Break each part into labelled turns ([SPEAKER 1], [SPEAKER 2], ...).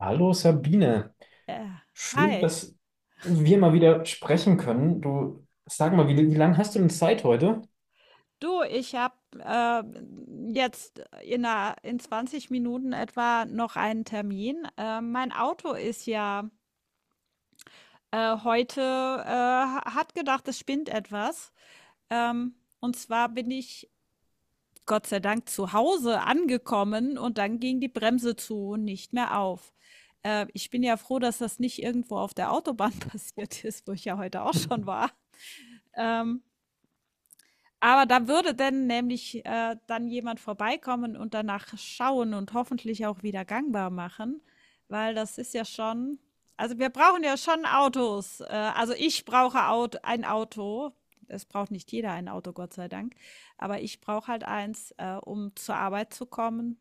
[SPEAKER 1] Hallo Sabine,
[SPEAKER 2] Äh,
[SPEAKER 1] schön,
[SPEAKER 2] hi.
[SPEAKER 1] dass wir mal wieder sprechen können. Du, sag mal, wie, wie lange hast du denn Zeit heute?
[SPEAKER 2] Du, ich habe äh, jetzt in 20 Minuten etwa noch einen Termin. Mein Auto ist ja heute, hat gedacht, es spinnt etwas. Ähm, und zwar bin ich Gott sei Dank zu Hause angekommen, und dann ging die Bremse zu und nicht mehr auf. Ich bin ja froh, dass das nicht irgendwo auf der Autobahn passiert ist, wo ich ja heute auch schon war. Ähm, Aber da würde denn nämlich dann jemand vorbeikommen und danach schauen und hoffentlich auch wieder gangbar machen, weil das ist ja schon, also wir brauchen ja schon Autos. Also ich brauche Aut ein Auto. Es braucht nicht jeder ein Auto, Gott sei Dank. Aber ich brauche halt eins, um zur Arbeit zu kommen.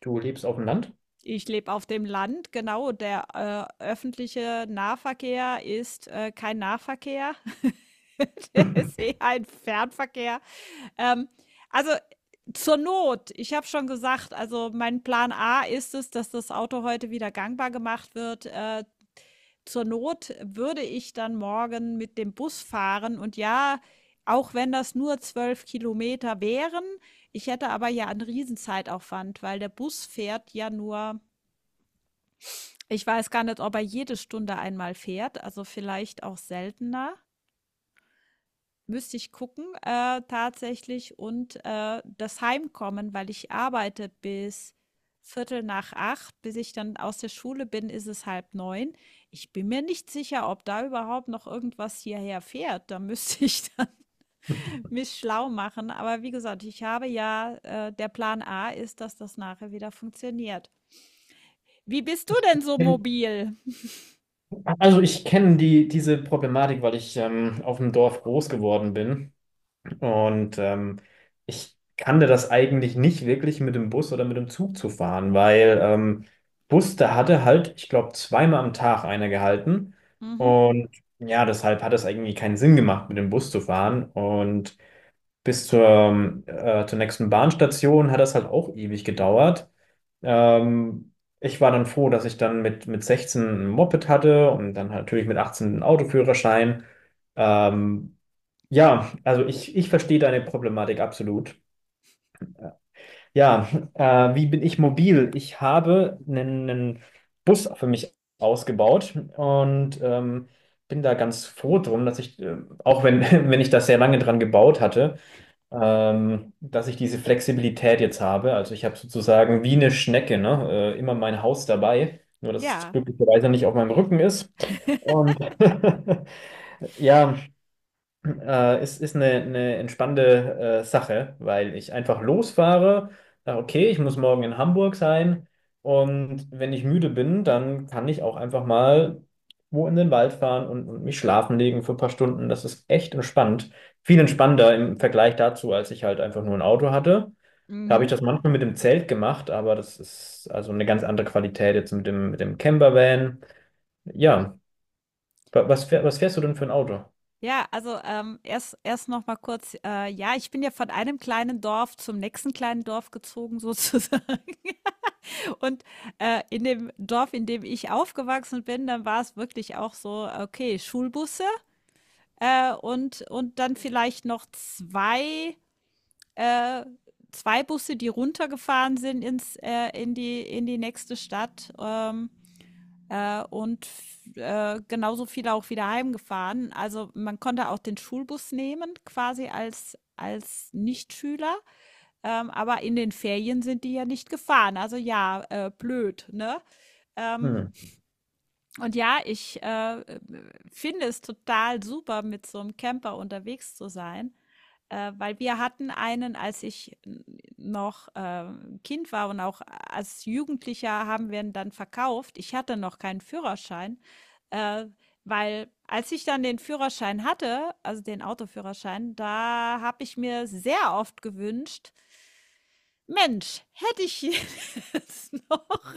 [SPEAKER 1] Du lebst auf dem Land?
[SPEAKER 2] Ich lebe auf dem Land, genau. Der öffentliche Nahverkehr ist kein Nahverkehr. Der ist eher ein Fernverkehr. Ähm, also zur Not, ich habe schon gesagt, also mein Plan A ist es, dass das Auto heute wieder gangbar gemacht wird. Zur Not würde ich dann morgen mit dem Bus fahren, und ja, auch wenn das nur 12 Kilometer wären, ich hätte aber ja einen Riesenzeitaufwand, weil der Bus fährt ja nur, ich weiß gar nicht, ob er jede Stunde einmal fährt, also vielleicht auch seltener. Müsste ich gucken, tatsächlich, und, das Heimkommen, weil ich arbeite bis Viertel nach acht, bis ich dann aus der Schule bin, ist es halb neun. Ich bin mir nicht sicher, ob da überhaupt noch irgendwas hierher fährt. Da müsste ich dann mich schlau machen. Aber wie gesagt, ich habe ja, der Plan A ist, dass das nachher wieder funktioniert. Wie bist du
[SPEAKER 1] Ich,
[SPEAKER 2] denn
[SPEAKER 1] ich
[SPEAKER 2] so
[SPEAKER 1] kenn,
[SPEAKER 2] mobil?
[SPEAKER 1] also ich kenne diese Problematik, weil ich auf dem Dorf groß geworden bin. Und ich kannte das eigentlich nicht wirklich mit dem Bus oder mit dem Zug zu fahren, weil Bus, da hatte halt, ich glaube, zweimal am Tag einer gehalten.
[SPEAKER 2] Mhm.
[SPEAKER 1] Und ja, deshalb hat es irgendwie keinen Sinn gemacht, mit dem Bus zu fahren. Und bis zur, zur nächsten Bahnstation hat das halt auch ewig gedauert. Ähm, Ich war dann froh, dass ich dann mit 16 ein Moped hatte und dann natürlich mit 18 einen Autoführerschein. Ähm, ja, also ich verstehe deine Problematik absolut. Ja, wie bin ich mobil? Ich habe einen Bus für mich ausgebaut und bin da ganz froh drum, dass ich, auch wenn, wenn ich das sehr lange dran gebaut hatte, dass ich diese Flexibilität jetzt habe. Also ich habe sozusagen wie eine Schnecke, ne? Immer mein Haus dabei, nur dass es
[SPEAKER 2] Ja.
[SPEAKER 1] glücklicherweise nicht auf meinem Rücken ist. Und ja, ist eine entspannende Sache, weil ich einfach losfahre, sage, okay, ich muss morgen in Hamburg sein und wenn ich müde bin, dann kann ich auch einfach mal wo in den Wald fahren und mich schlafen legen für ein paar Stunden. Das ist echt entspannt. Viel entspannter im Vergleich dazu, als ich halt einfach nur ein Auto hatte. Da habe ich
[SPEAKER 2] Mhm.
[SPEAKER 1] das manchmal mit dem Zelt gemacht, aber das ist also eine ganz andere Qualität jetzt mit dem Campervan. Ja, was fährst du denn für ein Auto?
[SPEAKER 2] Ja, also erst noch mal kurz, ja, ich bin ja von einem kleinen Dorf zum nächsten kleinen Dorf gezogen sozusagen. Und in dem Dorf, in dem ich aufgewachsen bin, dann war es wirklich auch so, okay, Schulbusse, und dann vielleicht noch äh, zwei Busse, die runtergefahren sind in die nächste Stadt. Und genauso viele auch wieder heimgefahren. Also man konnte auch den Schulbus nehmen, quasi als Nichtschüler. Aber in den Ferien sind die ja nicht gefahren. Also ja, blöd, ne? Ähm,
[SPEAKER 1] Hm.
[SPEAKER 2] und ja, ich finde es total super, mit so einem Camper unterwegs zu sein, weil wir hatten einen, als ich noch Kind war, und auch als Jugendlicher haben wir ihn dann verkauft. Ich hatte noch keinen Führerschein, äh, weil als ich dann den Führerschein hatte, also den Autoführerschein, da habe ich mir sehr oft gewünscht, Mensch, hätte ich jetzt noch,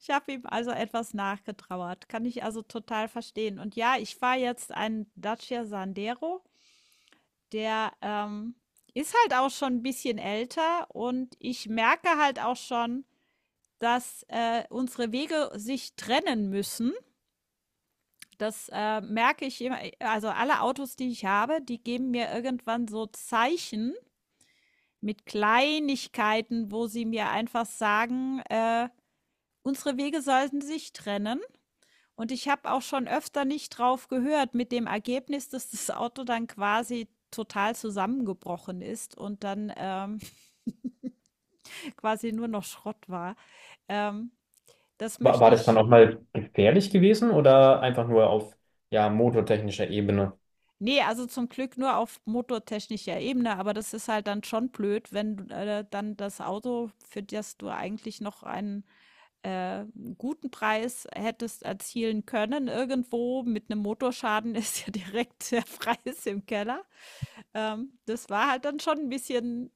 [SPEAKER 2] ich habe ihm also etwas nachgetrauert. Kann ich also total verstehen. Und ja, ich fahre jetzt einen Dacia Sandero. Der ist halt auch schon ein bisschen älter, und ich merke halt auch schon, dass unsere Wege sich trennen müssen. Das merke ich immer. Also alle Autos, die ich habe, die geben mir irgendwann so Zeichen mit Kleinigkeiten, wo sie mir einfach sagen, unsere Wege sollten sich trennen. Und ich habe auch schon öfter nicht drauf gehört, mit dem Ergebnis, dass das Auto dann quasi total zusammengebrochen ist und dann quasi nur noch Schrott war. Ähm, das möchte
[SPEAKER 1] War das dann
[SPEAKER 2] ich,
[SPEAKER 1] auch mal gefährlich gewesen oder einfach nur auf ja, motortechnischer Ebene?
[SPEAKER 2] nee, also zum Glück nur auf motortechnischer Ebene, aber das ist halt dann schon blöd, wenn du, dann das Auto, für das du eigentlich noch einen äh, guten Preis hättest erzielen können, irgendwo mit einem Motorschaden ist ja direkt der Preis im Keller. Das war halt dann schon ein bisschen,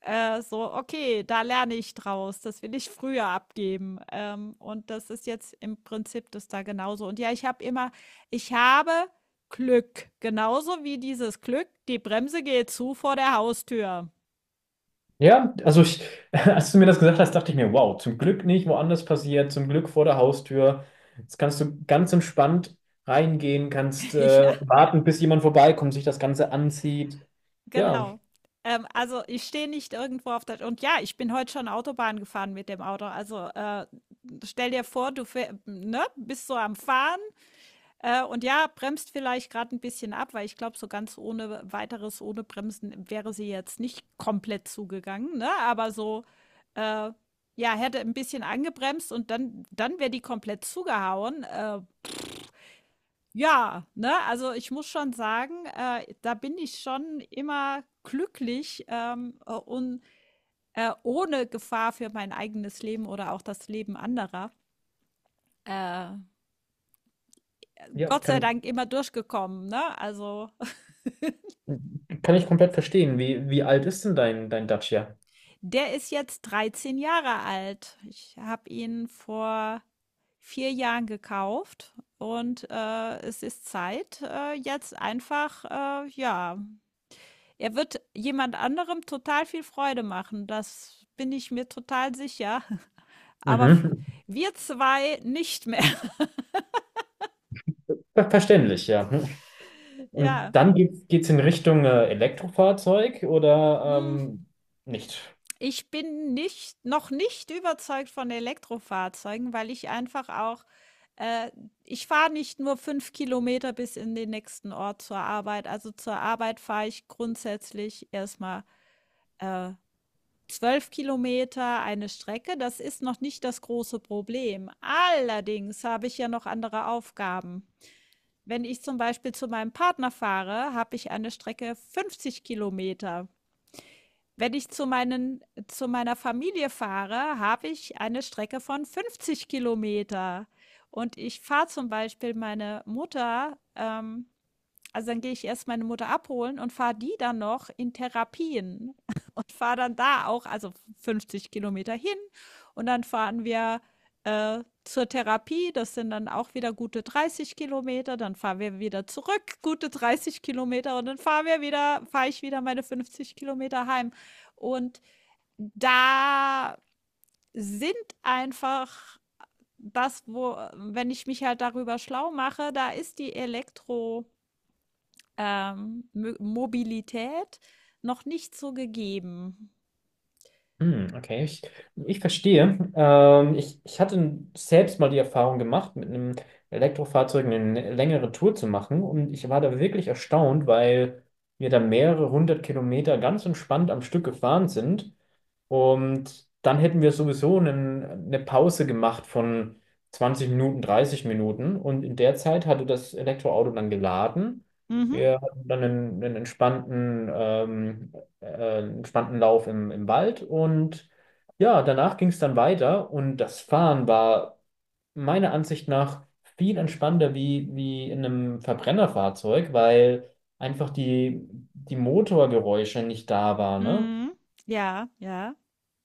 [SPEAKER 2] so: „Okay, da lerne ich draus, das will ich früher abgeben." Und das ist jetzt im Prinzip das da genauso. Und ja, ich habe immer, ich habe Glück, genauso wie dieses Glück, die Bremse geht zu vor der Haustür.
[SPEAKER 1] Ja, also ich, als du mir das gesagt hast, dachte ich mir, wow, zum Glück nicht woanders passiert, zum Glück vor der Haustür. Jetzt kannst du ganz entspannt reingehen, kannst
[SPEAKER 2] Ja,
[SPEAKER 1] warten, bis jemand vorbeikommt, sich das Ganze anzieht. Ja,
[SPEAKER 2] genau. Also, ich stehe nicht irgendwo auf der, und ja, ich bin heute schon Autobahn gefahren mit dem Auto. Also, stell dir vor, du fäh ne, bist so am Fahren. Und ja, bremst vielleicht gerade ein bisschen ab, weil ich glaube, so ganz ohne weiteres, ohne Bremsen wäre sie jetzt nicht komplett zugegangen, ne? Aber so, äh, ja, hätte ein bisschen angebremst, und dann wäre die komplett zugehauen. Ja, ne? Also, ich muss schon sagen, da bin ich schon immer glücklich, und, ohne Gefahr für mein eigenes Leben oder auch das Leben anderer, äh,
[SPEAKER 1] ja,
[SPEAKER 2] Gott sei Dank immer durchgekommen, ne? Also.
[SPEAKER 1] kann ich komplett verstehen. Wie, wie alt ist denn dein Dacia?
[SPEAKER 2] Der ist jetzt 13 Jahre alt. Ich habe ihn vor 4 Jahren gekauft, und es ist Zeit, jetzt einfach, ja, er wird jemand anderem total viel Freude machen. Das bin ich mir total sicher. Aber
[SPEAKER 1] Mhm.
[SPEAKER 2] wir zwei nicht mehr.
[SPEAKER 1] Verständlich, ja. Und
[SPEAKER 2] Ja.
[SPEAKER 1] dann geht's in Richtung Elektrofahrzeug oder
[SPEAKER 2] Mm.
[SPEAKER 1] nicht?
[SPEAKER 2] Ich bin nicht, noch nicht überzeugt von Elektrofahrzeugen, weil ich einfach auch äh, ich fahre nicht nur 5 Kilometer bis in den nächsten Ort zur Arbeit. Also zur Arbeit fahre ich grundsätzlich erst mal, äh, 12 km eine Strecke. Das ist noch nicht das große Problem. Allerdings habe ich ja noch andere Aufgaben. Wenn ich zum Beispiel zu meinem Partner fahre, habe ich eine Strecke 50 Kilometer. Wenn ich zu meiner Familie fahre, habe ich eine Strecke von 50 Kilometer, und ich fahre zum Beispiel meine Mutter, also, dann gehe ich erst meine Mutter abholen und fahre die dann noch in Therapien und fahre dann da auch, also 50 Kilometer hin, und dann fahren wir, zur Therapie. Das sind dann auch wieder gute 30 Kilometer. Dann fahren wir wieder zurück, gute 30 Kilometer, und dann fahre ich wieder meine 50 Kilometer heim. Und da sind einfach das, wo wenn ich mich halt darüber schlau mache, da ist die Elektro, Mobilität noch nicht so gegeben.
[SPEAKER 1] Hm, okay, ich verstehe. Ich hatte selbst mal die Erfahrung gemacht, mit einem Elektrofahrzeug eine längere Tour zu machen. Und ich war da wirklich erstaunt, weil wir da mehrere hundert Kilometer ganz entspannt am Stück gefahren sind. Und dann hätten wir sowieso eine Pause gemacht von 20 Minuten, 30 Minuten. Und in der Zeit hatte das Elektroauto dann geladen.
[SPEAKER 2] Mhm.
[SPEAKER 1] Wir hatten dann einen entspannten, entspannten Lauf im, im Wald. Und ja, danach ging es dann weiter. Und das Fahren war meiner Ansicht nach viel entspannter wie, wie in einem Verbrennerfahrzeug, weil einfach die Motorgeräusche nicht da waren, ne?
[SPEAKER 2] Mhm. Ja, ja,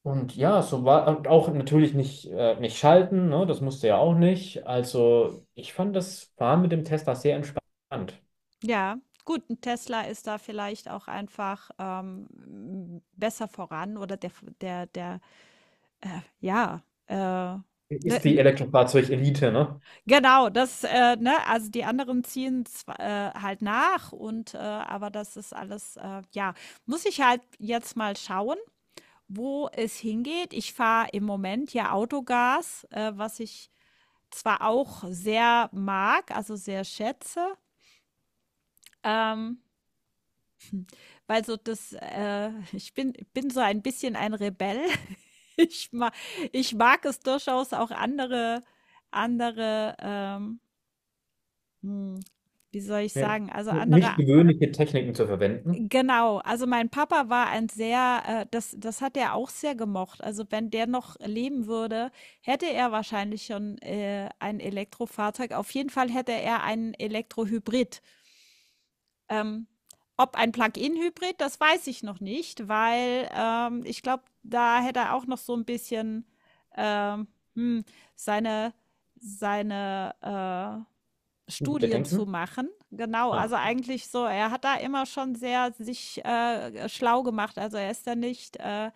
[SPEAKER 1] Und ja, so war und auch natürlich nicht, nicht schalten, ne? Das musste ja auch nicht. Also ich fand das Fahren mit dem Tesla sehr entspannt.
[SPEAKER 2] ja. Gut, ein Tesla ist da vielleicht auch einfach besser voran, oder der, äh, ja, äh, ne,
[SPEAKER 1] Ist die
[SPEAKER 2] n-
[SPEAKER 1] Elektrofahrzeug-Elite, ne?
[SPEAKER 2] genau, das, ne, also die anderen ziehen zwar, halt nach, und, aber das ist alles, ja, muss ich halt jetzt mal schauen, wo es hingeht. Ich fahre im Moment ja Autogas, was ich zwar auch sehr mag, also sehr schätze, ähm, weil so das, ich bin so ein bisschen ein Rebell. Ich mag, ich mag es durchaus auch andere, andere, ähm, hm, wie soll ich
[SPEAKER 1] Ne-
[SPEAKER 2] sagen, also andere.
[SPEAKER 1] Nicht gewöhnliche Techniken zu verwenden.
[SPEAKER 2] Genau, also mein Papa war ein sehr das hat er auch sehr gemocht. Also, wenn der noch leben würde, hätte er wahrscheinlich schon, ein Elektrofahrzeug. Auf jeden Fall hätte er einen Elektrohybrid. Ähm, ob ein Plug-in-Hybrid, das weiß ich noch nicht, weil, ich glaube, da hätte er auch noch so ein bisschen, ähm, hm, seine seine Studien zu
[SPEAKER 1] Bedenken?
[SPEAKER 2] machen. Genau,
[SPEAKER 1] Ah.
[SPEAKER 2] also eigentlich so, er hat da immer schon sehr sich schlau gemacht. Also er ist da nicht, äh,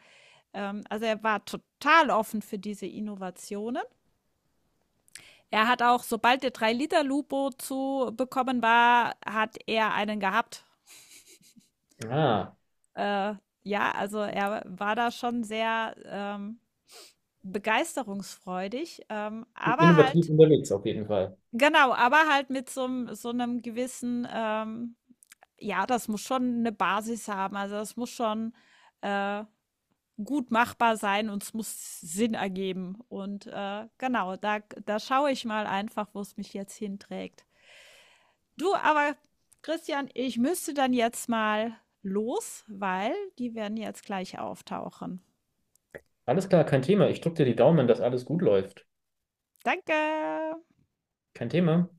[SPEAKER 2] ähm, also er war total offen für diese Innovationen. Er hat auch, sobald der 3 Liter Lupo zu bekommen war, hat er einen gehabt.
[SPEAKER 1] Ah.
[SPEAKER 2] Äh, ja, also er war da schon sehr begeisterungsfreudig, aber
[SPEAKER 1] Innovativ
[SPEAKER 2] halt.
[SPEAKER 1] unterwegs auf jeden Fall.
[SPEAKER 2] Genau, aber halt mit so 'nem gewissen, ja, das muss schon eine Basis haben. Also, das muss schon, äh, gut machbar sein, und es muss Sinn ergeben. Und, genau, da schaue ich mal einfach, wo es mich jetzt hinträgt. Du, aber Christian, ich müsste dann jetzt mal los, weil die werden jetzt gleich auftauchen.
[SPEAKER 1] Alles klar, kein Thema. Ich drücke dir die Daumen, dass alles gut läuft.
[SPEAKER 2] Danke.
[SPEAKER 1] Kein Thema.